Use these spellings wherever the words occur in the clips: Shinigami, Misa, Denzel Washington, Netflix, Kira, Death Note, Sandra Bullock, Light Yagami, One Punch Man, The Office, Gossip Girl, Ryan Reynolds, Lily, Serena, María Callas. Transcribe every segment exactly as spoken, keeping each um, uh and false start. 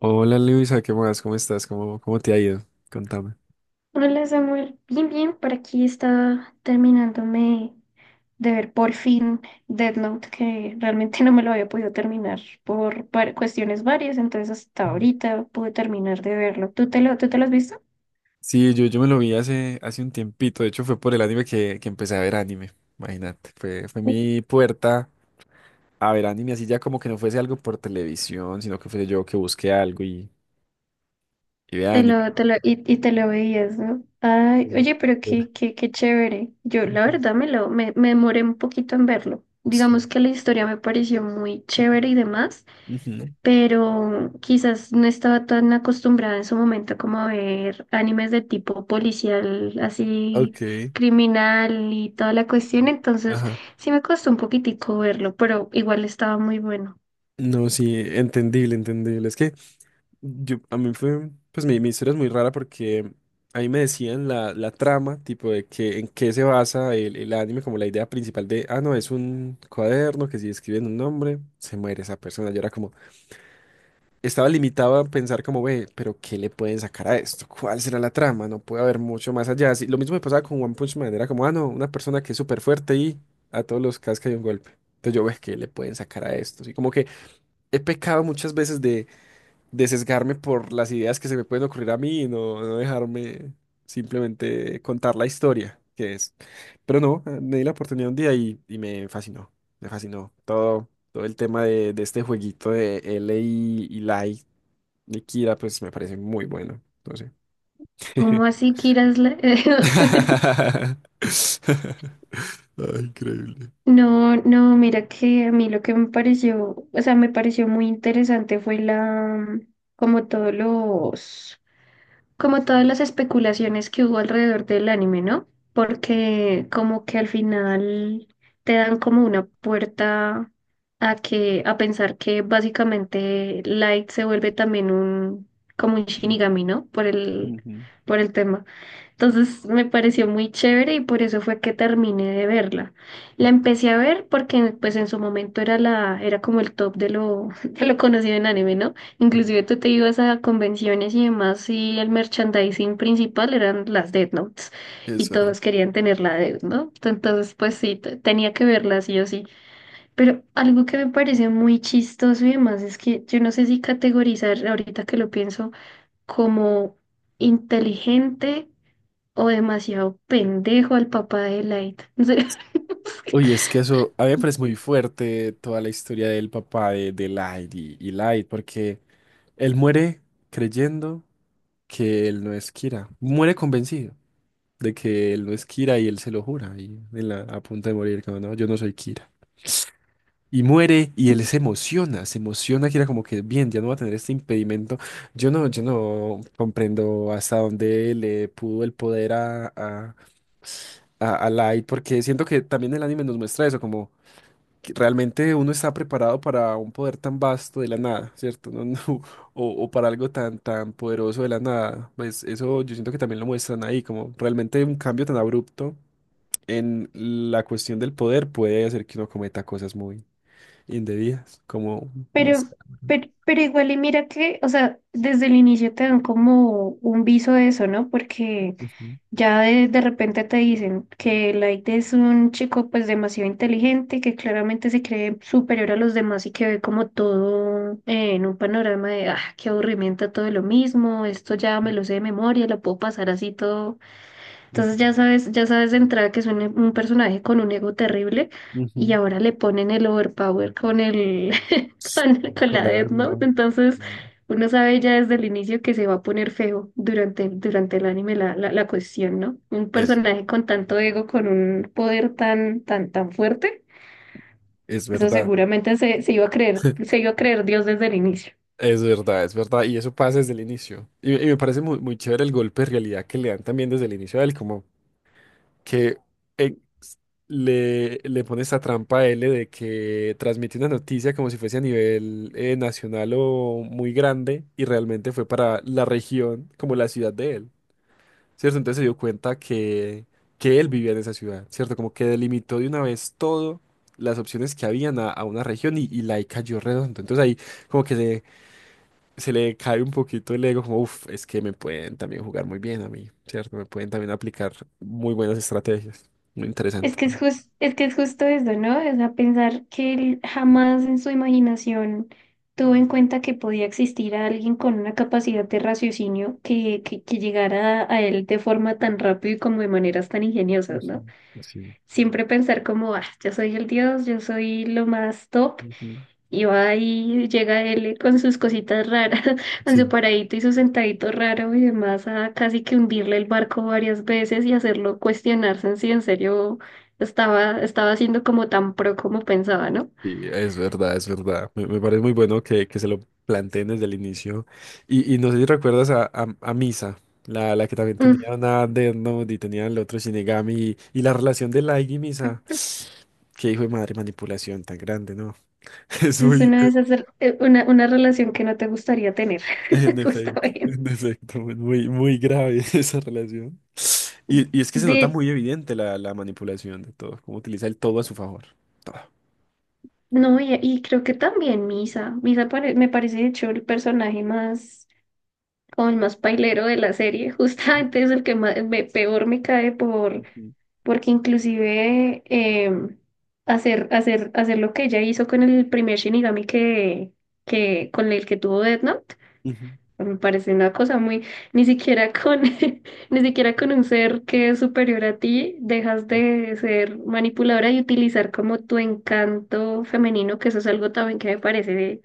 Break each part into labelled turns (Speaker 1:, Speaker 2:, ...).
Speaker 1: Hola Luisa, ¿qué más? ¿Cómo estás? ¿Cómo, cómo te ha ido? Contame.
Speaker 2: Hola Samuel, bien, bien, por aquí está terminándome de ver por fin Death Note, que realmente no me lo había podido terminar por var- cuestiones varias. Entonces hasta
Speaker 1: Ujú.
Speaker 2: ahorita pude terminar de verlo. ¿Tú te lo, tú te lo has visto?
Speaker 1: Sí, yo, yo me lo vi hace, hace un tiempito. De hecho, fue por el anime que, que empecé a ver anime. Imagínate. Fue, fue mi puerta a ver anime, así ya como que no fuese algo por televisión, sino que fuese yo que busqué algo y, y vea
Speaker 2: Te
Speaker 1: anime.
Speaker 2: lo, te lo, y, y te lo veías, ¿no? Ay,
Speaker 1: Sí.
Speaker 2: oye, pero
Speaker 1: Ver.
Speaker 2: qué, qué, qué chévere. Yo la
Speaker 1: Ujú.
Speaker 2: verdad me lo, me, me demoré un poquito en verlo. Digamos
Speaker 1: Sí.
Speaker 2: que la historia me pareció muy
Speaker 1: Ujú.
Speaker 2: chévere y demás, pero quizás no estaba tan acostumbrada en su momento como a ver animes de tipo policial, así
Speaker 1: Ok.
Speaker 2: criminal y toda la cuestión. Entonces
Speaker 1: Ajá.
Speaker 2: sí me costó un poquitico verlo, pero igual estaba muy bueno.
Speaker 1: No, sí, entendible, entendible. Es que yo, a mí fue, pues mi, mi historia es muy rara porque ahí me decían la, la trama, tipo de que en qué se basa el, el anime, como la idea principal de, ah, no, es un cuaderno que si escriben un nombre, se muere esa persona. Yo era como, estaba limitado a pensar como, ve, pero ¿qué le pueden sacar a esto? ¿Cuál será la trama? No puede haber mucho más allá. Así- lo mismo me pasaba con One Punch Man, era como, ah, no, una persona que es súper fuerte y a todos los casca de un golpe. Entonces yo, ve, ¿qué le pueden sacar a esto? Así como que he pecado muchas veces de de sesgarme por las ideas que se me pueden ocurrir a mí y no, no dejarme simplemente contar la historia que es. Pero no, eh, me di la oportunidad un día y, y me fascinó, me fascinó todo, todo el tema de, de este jueguito de L y, y Light de Kira, pues me parece muy bueno. No sé.
Speaker 2: ¿Cómo así, Kira? es la-
Speaker 1: Ah, increíble.
Speaker 2: No, no, mira que a mí lo que me pareció, o sea, me pareció muy interesante fue la, como todos los como todas las especulaciones que hubo alrededor del anime, ¿no? Porque como que al final te dan como una puerta a que a pensar que básicamente Light se vuelve también un como un Shinigami, ¿no? Por el
Speaker 1: Ujú.
Speaker 2: por el tema. Entonces me pareció muy chévere y por eso fue que terminé de verla. La
Speaker 1: Ok.
Speaker 2: empecé a ver porque pues en su momento era la, era como el top de lo, de lo conocido en anime, ¿no? Inclusive tú te ibas a convenciones y demás, y el merchandising principal eran las Death Notes
Speaker 1: Es
Speaker 2: y
Speaker 1: verdad.
Speaker 2: todos querían tener la Death Note. Entonces pues sí, te- tenía que verla sí o sí. Pero algo que me parece muy chistoso y demás es que yo no sé si categorizar ahorita que lo pienso como inteligente o demasiado pendejo al papá de Light. No sé.
Speaker 1: Uy, es que eso, a mí me parece muy fuerte toda la historia del papá de, de Light y, y Light, porque él muere creyendo que él no es Kira, muere convencido de que él no es Kira y él se lo jura, y en la- a punto de morir, como no, yo no soy Kira. Y muere y él se emociona, se emociona Kira como que bien, ya no va a tener este impedimento. Yo no, yo no comprendo hasta dónde le pudo el poder a, a, a a Light, porque siento que también el anime nos muestra eso, como... que realmente uno está preparado para un poder tan vasto de la nada, ¿cierto? No, no, o, o para algo tan, tan poderoso de la nada. Pues eso yo siento que también lo muestran ahí, como realmente un cambio tan abrupto en la cuestión del poder puede hacer que uno cometa cosas muy indebidas, como... no
Speaker 2: Pero,
Speaker 1: sé.
Speaker 2: pero, pero igual y mira que, o sea, desde el inicio te dan como un viso de eso, ¿no? Porque
Speaker 1: Ujú,
Speaker 2: ya de, de repente te dicen que Light es un chico pues demasiado inteligente, que claramente se cree superior a los demás y que ve como todo eh, en un panorama de, ah, qué aburrimiento, todo lo mismo, esto ya me lo sé de memoria, lo puedo pasar así todo.
Speaker 1: ujú,
Speaker 2: Entonces ya sabes, ya sabes de entrada que es un, un personaje con un ego terrible, y
Speaker 1: ujú.
Speaker 2: ahora le ponen el overpower con el con, con la
Speaker 1: Claro,
Speaker 2: Death Note.
Speaker 1: no.
Speaker 2: Entonces
Speaker 1: Mm.
Speaker 2: uno sabe ya desde el inicio que se va a poner feo durante, durante el anime la, la, la cuestión, ¿no? Un
Speaker 1: Es,
Speaker 2: personaje con tanto ego, con un poder tan, tan, tan fuerte,
Speaker 1: es
Speaker 2: eso
Speaker 1: verdad.
Speaker 2: seguramente se, se iba a creer, se iba a creer Dios desde el inicio.
Speaker 1: Es verdad, es verdad. Y eso pasa desde el inicio. Y, y me parece muy, muy chévere el golpe de realidad que le dan también desde el inicio a él, como que eh, s- le, le pone esta trampa a él de que transmite una noticia como si fuese a nivel eh, nacional o muy grande y realmente fue para la región, como la ciudad de él, ¿cierto? Entonces se dio cuenta que, que él vivía en esa ciudad, ¿cierto? Como que delimitó de una vez todo las opciones que habían a, a una región y, y la ahí cayó redondo. Entonces ahí como que se se le cae un poquito el ego, como, uff, es que me pueden también jugar muy bien a mí, ¿cierto? Me pueden también aplicar muy buenas estrategias. Muy
Speaker 2: Es
Speaker 1: interesante,
Speaker 2: que es
Speaker 1: ¿no?
Speaker 2: jus- es que es justo eso, ¿no? O sea, pensar que él jamás en su imaginación tuvo en cuenta que podía existir alguien con una capacidad de raciocinio que, que, que llegara a, a él de forma tan rápida y como de maneras tan ingeniosas,
Speaker 1: Ujú.
Speaker 2: ¿no?
Speaker 1: Sí.
Speaker 2: Siempre pensar como, ah, yo soy el dios, yo soy lo más top,
Speaker 1: Ujú.
Speaker 2: y va y llega él con sus cositas raras, con su
Speaker 1: Sí.
Speaker 2: paradito y su sentadito raro y demás, a casi que hundirle el barco varias veces y hacerlo cuestionarse en si en serio estaba, estaba siendo como tan pro como pensaba, ¿no?
Speaker 1: Sí, es verdad, es verdad. Me, me parece muy bueno que, que se lo planteen desde el inicio. Y, y no sé si recuerdas a, a, a Misa, la, la que también tenía
Speaker 2: Mm.
Speaker 1: una Death Note y tenía el otro Shinigami. Y, y la relación de Light y Misa. Qué hijo de madre, manipulación tan grande, ¿no? Es
Speaker 2: Es
Speaker 1: muy,
Speaker 2: una de esas, rel- eh, una, una relación que no te gustaría tener,
Speaker 1: en efecto,
Speaker 2: justamente.
Speaker 1: en efecto, muy, muy grave esa relación. Y, y es que se nota
Speaker 2: De,
Speaker 1: muy evidente la, la manipulación de todo, cómo utiliza el todo a su favor. Todo.
Speaker 2: no, y, y creo que también Misa. Misa pare- me parece, de hecho, el personaje más, como el más pailero de la serie. Justamente es el que más, me- peor me cae por
Speaker 1: Ujú,
Speaker 2: porque inclusive em, hacer, hacer, hacer lo que ella hizo con el primer Shinigami que, que con el que tuvo Death Note,
Speaker 1: ujú,
Speaker 2: me parece una cosa muy, ni siquiera con, ni siquiera con un ser que es superior a ti, dejas de ser manipuladora y utilizar como tu encanto femenino, que eso es algo también que me parece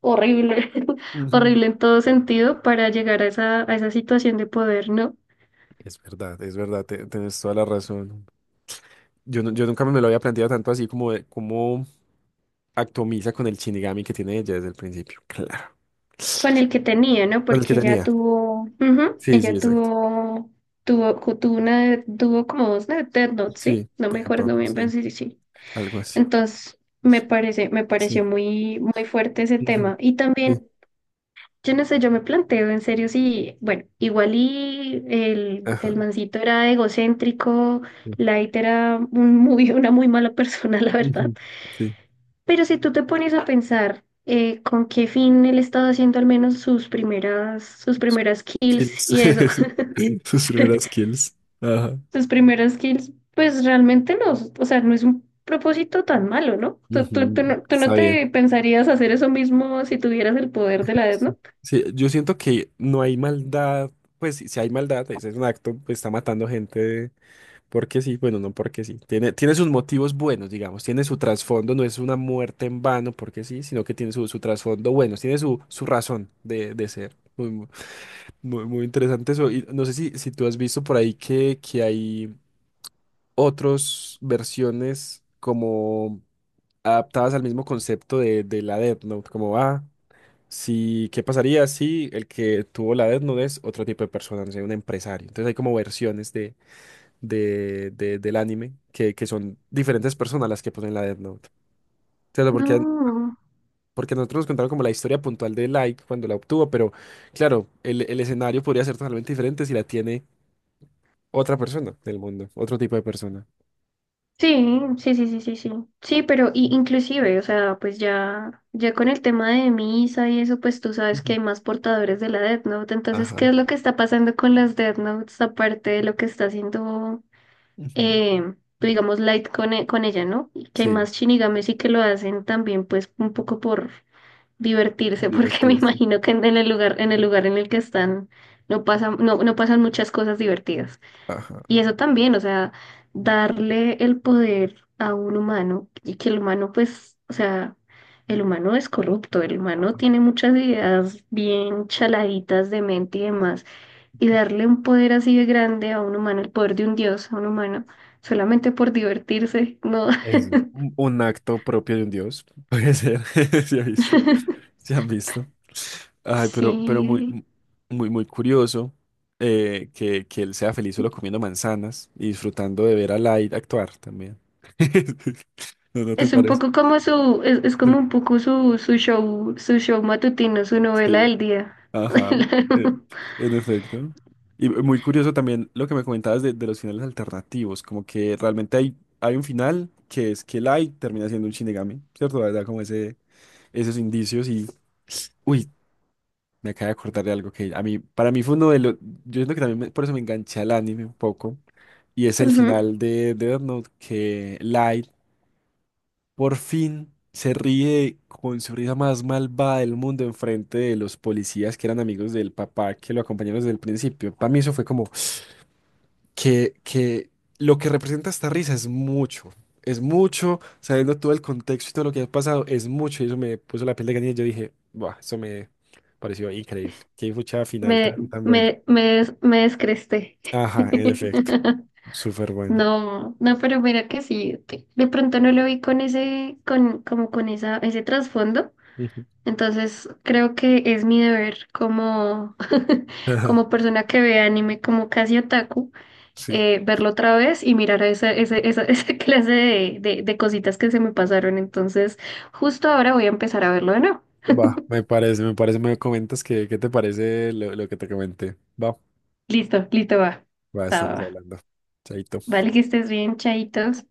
Speaker 2: horrible,
Speaker 1: ujú.
Speaker 2: horrible en todo sentido, para llegar a esa, a esa situación de poder, ¿no?
Speaker 1: Es verdad, es verdad, te- tienes toda la razón. Yo, no- yo nunca me lo había planteado tanto así como de cómo atomiza con el Shinigami que tiene ella desde el principio. Claro.
Speaker 2: Con el que tenía, ¿no?
Speaker 1: Con el que
Speaker 2: Porque ella
Speaker 1: tenía.
Speaker 2: tuvo, ujú,
Speaker 1: Sí, sí,
Speaker 2: ella
Speaker 1: exacto.
Speaker 2: tuvo, tuvo, cu- tuvo una, tuvo como dos de Death Note, ¿sí?
Speaker 1: Sí,
Speaker 2: No me
Speaker 1: epa,
Speaker 2: acuerdo bien, pero
Speaker 1: sí,
Speaker 2: sí, sí, sí.
Speaker 1: algo así.
Speaker 2: Entonces, me parece, me
Speaker 1: Sí.
Speaker 2: pareció muy, muy fuerte ese
Speaker 1: Ujú.
Speaker 2: tema. Y
Speaker 1: Sí.
Speaker 2: también, yo no sé, yo me planteo en serio si, bueno, igual y el, el
Speaker 1: Ajá.
Speaker 2: mancito era egocéntrico,
Speaker 1: Sí.
Speaker 2: Light era un muy, una muy mala persona, la verdad.
Speaker 1: Ujú, sí.
Speaker 2: Pero si tú te pones a pensar eh, con qué fin él estaba haciendo al menos sus primeras, sus primeras kills
Speaker 1: Kills.
Speaker 2: y eso,
Speaker 1: Sus primeras kills. Ajá.
Speaker 2: sus primeras kills, pues realmente no, o sea, no es un propósito tan malo, ¿no? Tú, tú- tú
Speaker 1: Ujú.
Speaker 2: no, tú no
Speaker 1: Está bien.
Speaker 2: te pensarías hacer eso mismo si tuvieras el poder de la Death
Speaker 1: Sí,
Speaker 2: Note.
Speaker 1: sí, yo siento que no hay maldad, pues si si hay maldad, ese es un acto, pues, está matando gente porque sí, bueno, no porque sí. Tiene, tiene sus motivos buenos, digamos, tiene su trasfondo, no es una muerte en vano porque sí, sino que tiene su, su trasfondo bueno, tiene su, su razón de, de ser. Muy, muy, muy- muy interesante eso. Y no sé si, si tú has visto por ahí que, que hay otras versiones como adaptadas al mismo concepto de, de la Death Note, como va. Si, ¿qué pasaría si el que tuvo la Death Note es otro tipo de persona, no sé, un empresario? Entonces hay como versiones de, de, de- del anime que, que son diferentes personas las que ponen la Death Note. Claro, porque,
Speaker 2: No.
Speaker 1: porque nosotros nos contaron como la historia puntual de Light cuando la obtuvo, pero claro, el, el escenario podría ser totalmente diferente si la tiene otra persona del mundo, otro tipo de persona.
Speaker 2: Sí, sí, sí, sí, sí, sí. Sí, pero y, inclusive, o sea, pues ya, ya con el tema de misa y eso, pues tú sabes que
Speaker 1: Ujú.
Speaker 2: hay más portadores de la Death Note. Entonces, ¿qué
Speaker 1: Ajá.
Speaker 2: es lo que está pasando con las Death Notes aparte de lo que está haciendo,
Speaker 1: Ujú.
Speaker 2: eh, digamos, Light con, e- con ella, ¿no? Y que hay
Speaker 1: Sí,
Speaker 2: más Shinigames y que lo hacen también, pues, un poco por divertirse, porque me
Speaker 1: divertirse.
Speaker 2: imagino que en el lugar, en el lugar, en el que están, no pasan, no, no pasan muchas cosas divertidas.
Speaker 1: Ajá.
Speaker 2: Y eso también, o sea, darle el poder a un humano y que el humano, pues, o sea, el humano es corrupto, el humano tiene muchas ideas bien chaladitas de mente y demás, y darle un poder así de grande a un humano, el poder de un dios a un humano, solamente por divertirse, no,
Speaker 1: Eso. Un, un acto propio de un dios, puede ser, sí he visto. ¿Se han visto? Ay, pero, pero
Speaker 2: sí.
Speaker 1: muy, muy, muy curioso eh, que, que él sea feliz solo comiendo manzanas y disfrutando de ver a Light actuar también. ¿No, no te
Speaker 2: Es un
Speaker 1: parece?
Speaker 2: poco como su, es, es como un poco su, su show, su show matutino, su novela
Speaker 1: Sí,
Speaker 2: del día.
Speaker 1: ajá, en, en efecto. Y muy curioso también lo que me comentabas de, de los finales alternativos, como que realmente hay, hay un final que es que Light termina siendo un Shinigami, ¿cierto? Da verdad, como ese, esos indicios y... Uy, me acabo de acordar de algo que a mí, para mí fue uno de los, yo siento que también me- por eso me enganché al anime un poco, y es el
Speaker 2: Ujú.
Speaker 1: final de Death Note, que Light por fin se ríe con su risa más malvada del mundo enfrente de los policías que eran amigos del papá que lo acompañaron desde el principio. Para mí eso fue como, que, que lo que representa esta risa es mucho, es mucho, sabiendo todo el contexto y todo lo que ha pasado, es mucho, y eso me puso la piel de gallina y yo dije, buah, eso me pareció increíble, qué fuchada final
Speaker 2: Me,
Speaker 1: tan, tan bueno.
Speaker 2: me, me, des- me descresté.
Speaker 1: Ajá, en efecto, súper bueno.
Speaker 2: No, no, pero mira que sí, de de pronto no lo vi con ese, con, como con esa, ese trasfondo.
Speaker 1: Ujú.
Speaker 2: Entonces creo que es mi deber como,
Speaker 1: Ajá.
Speaker 2: como persona que ve anime como casi otaku,
Speaker 1: Sí,
Speaker 2: eh, verlo otra vez y mirar a esa, esa, esa, esa clase de, de, de cositas que se me pasaron. Entonces, justo ahora voy a empezar a verlo de nuevo.
Speaker 1: va, me parece, me parece, me comentas que, qué te parece lo, lo que te comenté. Va,
Speaker 2: Listo, listo, va.
Speaker 1: va,
Speaker 2: Va, va,
Speaker 1: estamos
Speaker 2: va.
Speaker 1: hablando. Chaito.
Speaker 2: Vale, que estés bien, chaitos.